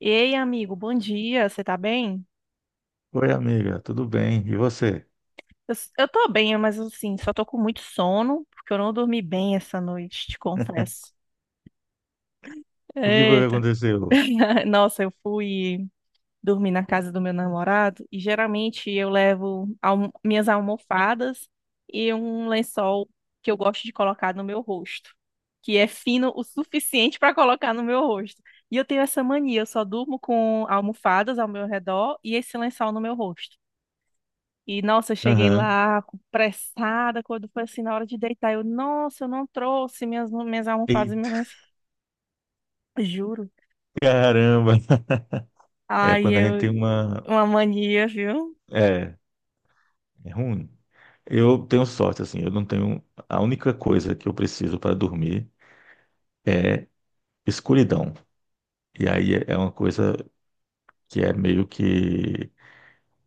Ei, amigo, bom dia, você tá bem? Oi, amiga, tudo bem? E você? Eu tô bem, mas assim, só tô com muito sono, porque eu não dormi bem essa noite, te confesso. O que foi que Eita. aconteceu? Nossa, eu fui dormir na casa do meu namorado e geralmente eu minhas almofadas e um lençol que eu gosto de colocar no meu rosto, que é fino o suficiente para colocar no meu rosto. E eu tenho essa mania, eu só durmo com almofadas ao meu redor e esse lençol no meu rosto. E, nossa, eu Aham. Pressada, quando foi assim, na hora de deitar, eu, nossa, eu não trouxe minhas almofadas e Eita, minhas... Juro. caramba! É, Ai, quando a gente eu... tem uma. Uma mania, viu? É, é ruim. Eu tenho sorte, assim, eu não tenho. A única coisa que eu preciso para dormir, escuridão. E aí é uma coisa que é meio que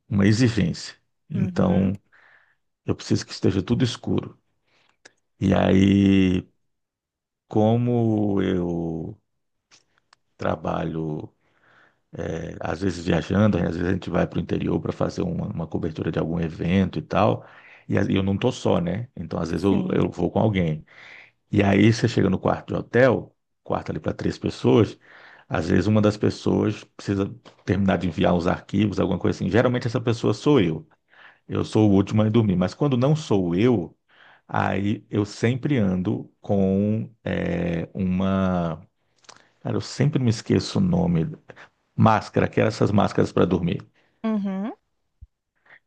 uma exigência. Uhum, Então, eu preciso que esteja tudo escuro. E aí, como eu trabalho. Às vezes viajando, às vezes a gente vai para o interior para fazer uma cobertura de algum evento e tal. E eu não tô só, né? Então, às vezes sim. eu vou com alguém. E aí você chega no quarto de hotel, quarto ali para três pessoas, às vezes uma das pessoas precisa terminar de enviar uns arquivos, alguma coisa assim. Geralmente essa pessoa sou eu. Eu sou o último a dormir. Mas quando não sou eu, aí eu sempre ando com uma. Cara, eu sempre me esqueço o nome. Máscara, que eram essas máscaras para dormir. Uhum,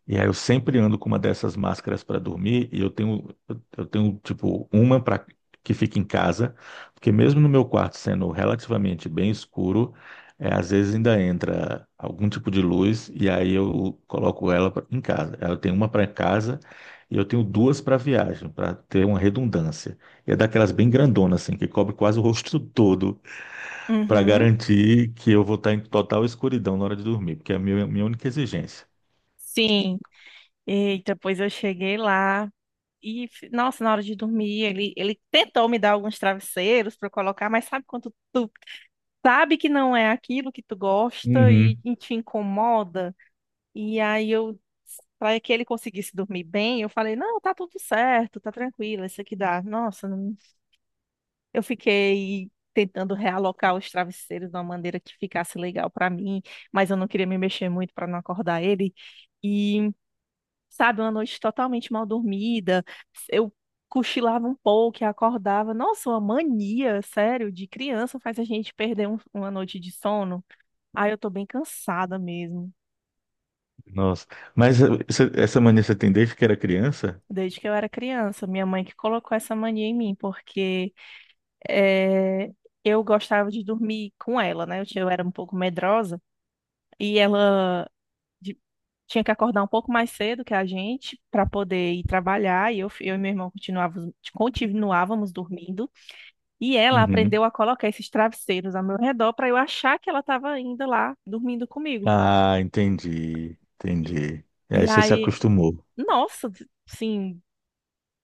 E aí eu sempre ando com uma dessas máscaras para dormir e eu tenho tipo uma para que fica em casa, porque mesmo no meu quarto sendo relativamente bem escuro, é, às vezes ainda entra algum tipo de luz e aí eu coloco em casa. Eu tenho uma para casa e eu tenho duas para viagem, para ter uma redundância. E é daquelas bem grandonas assim, que cobre quase o rosto todo, para uhum. garantir que eu vou estar em total escuridão na hora de dormir, porque é minha única exigência. Sim. Eita, pois eu cheguei lá. Nossa, na hora de dormir, ele tentou me dar alguns travesseiros para colocar, mas sabe quando tu sabe que não é aquilo que tu gosta e, Uhum. e te incomoda? E aí eu, para que ele conseguisse dormir bem, eu falei: não, tá tudo certo, tá tranquilo, isso aqui dá. Nossa, não- Eu fiquei. Tentando realocar os travesseiros de uma maneira que ficasse legal para mim, mas eu não queria me mexer muito para não acordar ele, sabe, uma noite totalmente mal dormida. Eu cochilava um pouco e acordava. Nossa, uma mania, sério, de criança faz a gente uma noite de sono. Aí eu tô bem cansada mesmo. Nossa. Mas você- essa mania você tem desde que era criança? Desde que eu era criança, minha mãe que colocou essa mania em mim, porque eh, eu gostava de dormir com ela, né? Eu era um pouco medrosa e de- tinha que acordar um pouco mais cedo que a gente para poder ir trabalhar. Eu e meu irmão continuávamos dormindo. E ela Uhum. aprendeu a colocar esses travesseiros ao meu redor para eu achar que ela estava ainda lá dormindo comigo. Ah, entendi. E, Entendi. E e aí você se aí, acostumou. Nossa, assim,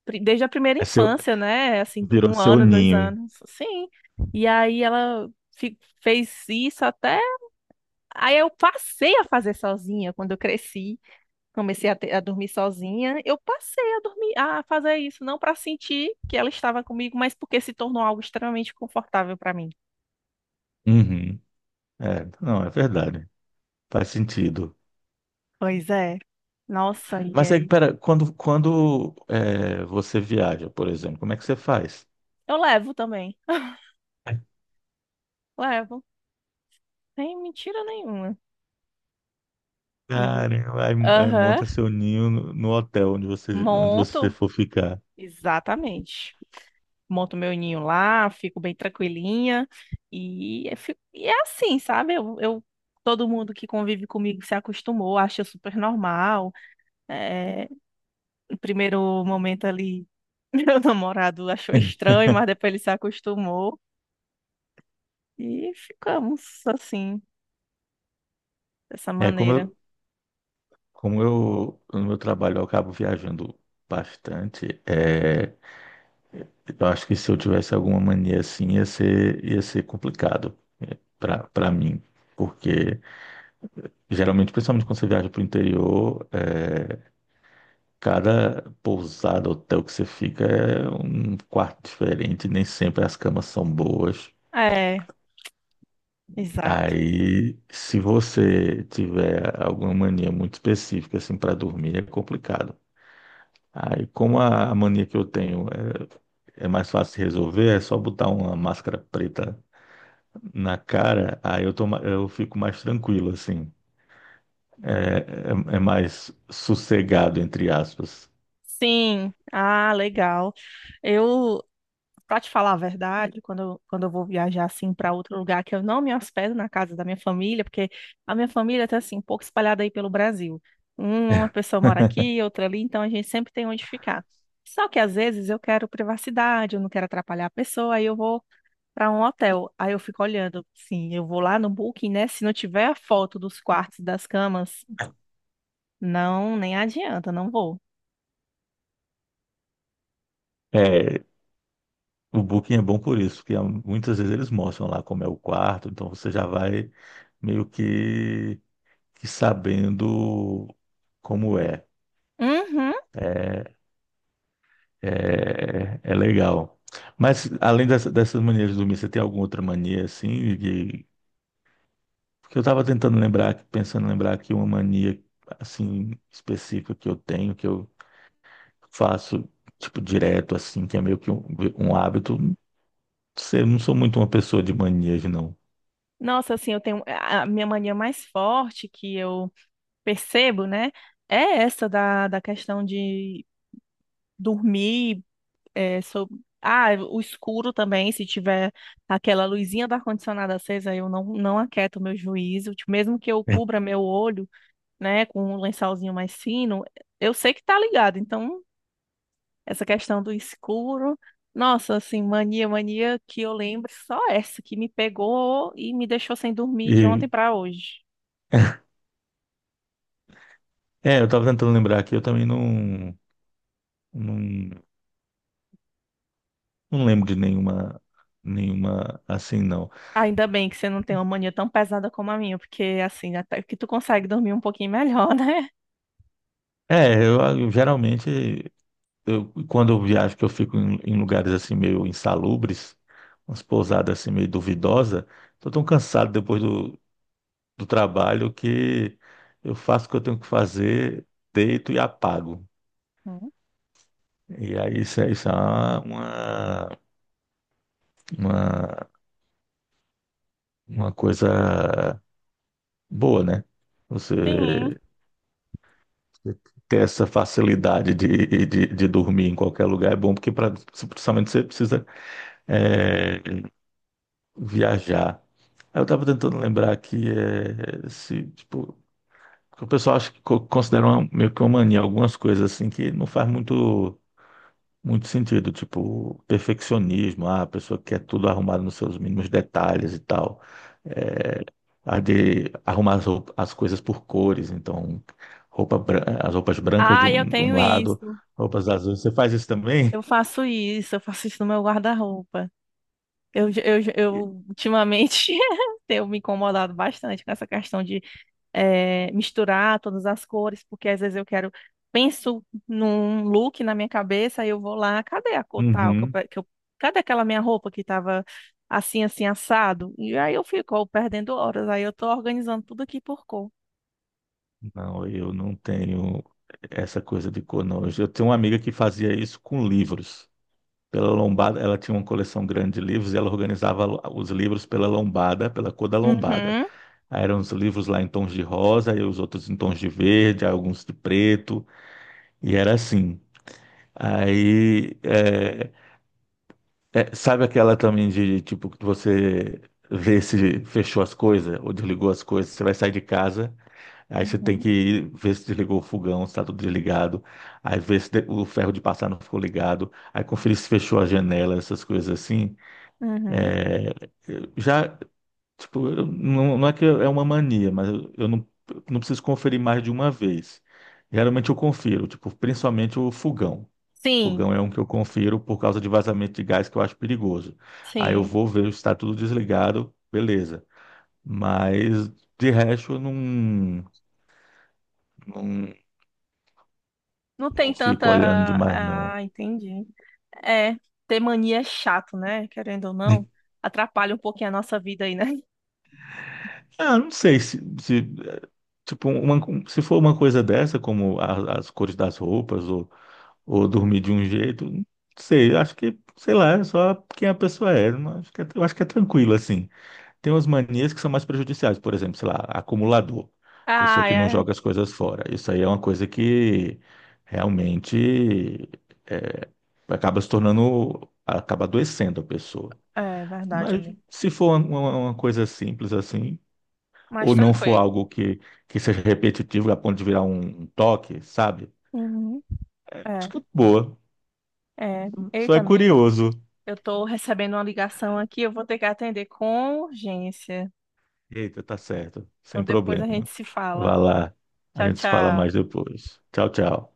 desde a primeira É seu, infância, né? Assim, virou um seu ano, dois ninho. anos, sim. E aí ela fez isso até. Aí eu passei a fazer sozinha quando eu cresci. A dormir sozinha. Eu passei a dormir, a fazer isso, não para sentir que ela estava comigo, mas porque se tornou algo extremamente confortável para mim. Uhum. É, não, é verdade. Faz sentido. Pois é. Nossa, e Mas aí, aí? pera, quando você viaja, por exemplo, como é que você faz? Eu levo também. Levo. Sem mentira nenhuma. E Caramba, aí, aí aham, monta seu ninho no hotel onde onde você monto. for ficar. Exatamente. Monto meu ninho lá, fico bem tranquilinha. E é assim, sabe? Todo mundo que convive comigo se acostumou, acha super normal. É, no primeiro momento ali, meu namorado achou estranho, mas depois ele se acostumou. E ficamos assim, dessa É, maneira. Como eu, no meu trabalho, eu acabo viajando bastante. É, eu acho que se eu tivesse alguma mania assim, ia ser complicado para mim. Porque geralmente, principalmente quando você viaja para o interior, é, cada pousada, hotel que você fica é um quarto diferente, nem sempre as camas são boas. É, exato. Aí, se você tiver alguma mania muito específica assim para dormir, é complicado. Aí, como a mania que eu tenho é, é mais fácil de resolver, é só botar uma máscara preta na cara, aí eu tô, ma- eu fico mais tranquilo, assim. É, é, é mais sossegado, entre aspas. Sim, ah, legal. Eu, pra te falar a verdade, quando quando eu vou viajar assim para outro lugar que eu não me hospedo na casa da minha família, porque a minha família tá assim, um pouco espalhada aí pelo Brasil. Uma pessoa mora aqui, outra ali, então a gente sempre tem onde ficar. Só que às vezes eu quero privacidade, eu não quero atrapalhar a pessoa, aí eu vou para um hotel. Aí eu fico olhando, sim, eu vou lá no Booking, né? Se não tiver a foto dos quartos, das camas, não, nem adianta, não vou. É, o Booking é bom por isso, porque ah, muitas vezes eles mostram lá como é o quarto, então você já vai meio que sabendo como é. Uhum. É, é, é legal. Mas além dessa, dessas manias de dormir, você tem alguma outra mania assim. Porque eu estava tentando lembrar, pensando em lembrar aqui uma mania, assim, específica que eu tenho, que eu faço, tipo, direto, assim, que é meio que um hábito. Não sei, eu não sou muito uma pessoa de manias, não. Nossa, assim, eu tenho a minha mania mais forte que eu percebo, né? É essa da questão de dormir, é, sob- ah, o escuro também, se tiver aquela luzinha do ar-condicionado acesa, eu não aquieto o meu juízo, tipo, mesmo que eu cubra meu olho, né, com um lençolzinho mais fino, eu sei que tá ligado, então essa questão do escuro, nossa, assim, mania que eu lembro, só essa que me pegou e me deixou sem dormir de E, ontem pra hoje. é, eu estava tentando lembrar aqui, eu também não, não lembro de nenhuma, nenhuma assim, não. Ainda bem que você não tem uma mania tão pesada como a minha, porque assim, até que tu consegue dormir um pouquinho melhor, né? É, eu geralmente, eu, quando eu viajo, que eu fico em, em lugares assim meio insalubres, umas pousadas assim meio duvidosas, tô tão cansado depois do, do trabalho que eu faço o que eu tenho que fazer, deito e apago. Hum, E aí isso é uma, uma, uma coisa boa, né? sim. Você ter essa facilidade de dormir em qualquer lugar é bom, porque pra, principalmente você precisa é, viajar. Aí eu estava tentando lembrar aqui é, se, tipo, o pessoal acha que co- considera uma- meio que uma mania, algumas coisas assim que não faz muito. Muito sentido, tipo, perfeccionismo, ah, a pessoa quer tudo arrumado nos seus mínimos detalhes e tal. É, a de arrumar as, roup- as coisas por cores, então, roupa, bran- as roupas brancas Ah, eu de um tenho lado, isso. roupas azuis. Você faz isso também? Eu faço isso, eu faço isso no meu guarda-roupa. Eu ultimamente tenho me incomodado bastante com essa questão de misturar todas as cores, porque às vezes eu quero, penso num look na minha cabeça, aí eu vou lá, cadê a cor tal? Que eu, Uhum. pe- que eu- Cadê aquela minha roupa que estava assim, assim, assado? E aí eu fico "Oh, perdendo horas, aí eu tô organizando tudo aqui por cor. Não, eu não tenho essa coisa de cor, não. Eu tenho uma amiga que fazia isso com livros. Pela lombada, ela tinha uma coleção grande de livros e ela organizava os livros pela lombada, pela cor da lombada. Uhum, Aí eram os livros lá em tons de rosa, e os outros em tons de verde, aí alguns de preto, e era assim. Aí, é, é, sabe aquela também de, tipo, que você vê se fechou as coisas ou desligou as coisas, você vai sair de casa, aí você tem uhum, que ir ver se desligou o fogão, se tá tudo desligado, aí ver se de- o ferro de passar não ficou ligado, aí conferir se fechou a janela, essas coisas assim. uhum. Eu já tipo, eu- não, não é que é uma mania, mas eu não preciso conferir mais de uma vez. Geralmente eu confiro, tipo, principalmente o fogão. Sim, Fogão é um que eu confiro por causa de vazamento de gás que eu acho perigoso. Aí eu sim. vou ver se está tudo desligado, beleza. Mas de resto eu não, não, Não tem não tanta. fico olhando demais, não. Ah, entendi. É, ter mania é chato, né? Querendo ou não, atrapalha um pouquinho a nossa vida aí, né? Ah, não sei se, se, eh, tipo, uma, se for uma coisa dessa, como a- as cores das roupas, ou dormir de um jeito. Não sei, acho que, sei lá, é só quem a pessoa é. Não, acho que é, eu acho que é tranquilo, assim. Tem umas manias que são mais prejudiciais, por exemplo, sei lá, acumulador, pessoa Ah, que não é, joga as coisas fora. Isso aí é uma coisa que realmente é, acaba se tornando, acaba adoecendo a pessoa. é verdade, Mas amigo. se for uma coisa simples assim, Mais ou não for tranquilo. algo que seja repetitivo a ponto de virar um, um toque, sabe? Uhum. Acho É, que é boa. é. Só Eita, é amigo, curioso. eu tô recebendo uma ligação aqui, eu vou ter que atender com urgência. Eita, tá certo. Então Sem depois problema. a gente se fala. Vá lá. A Tchau, gente se fala tchau. mais depois. Tchau, tchau.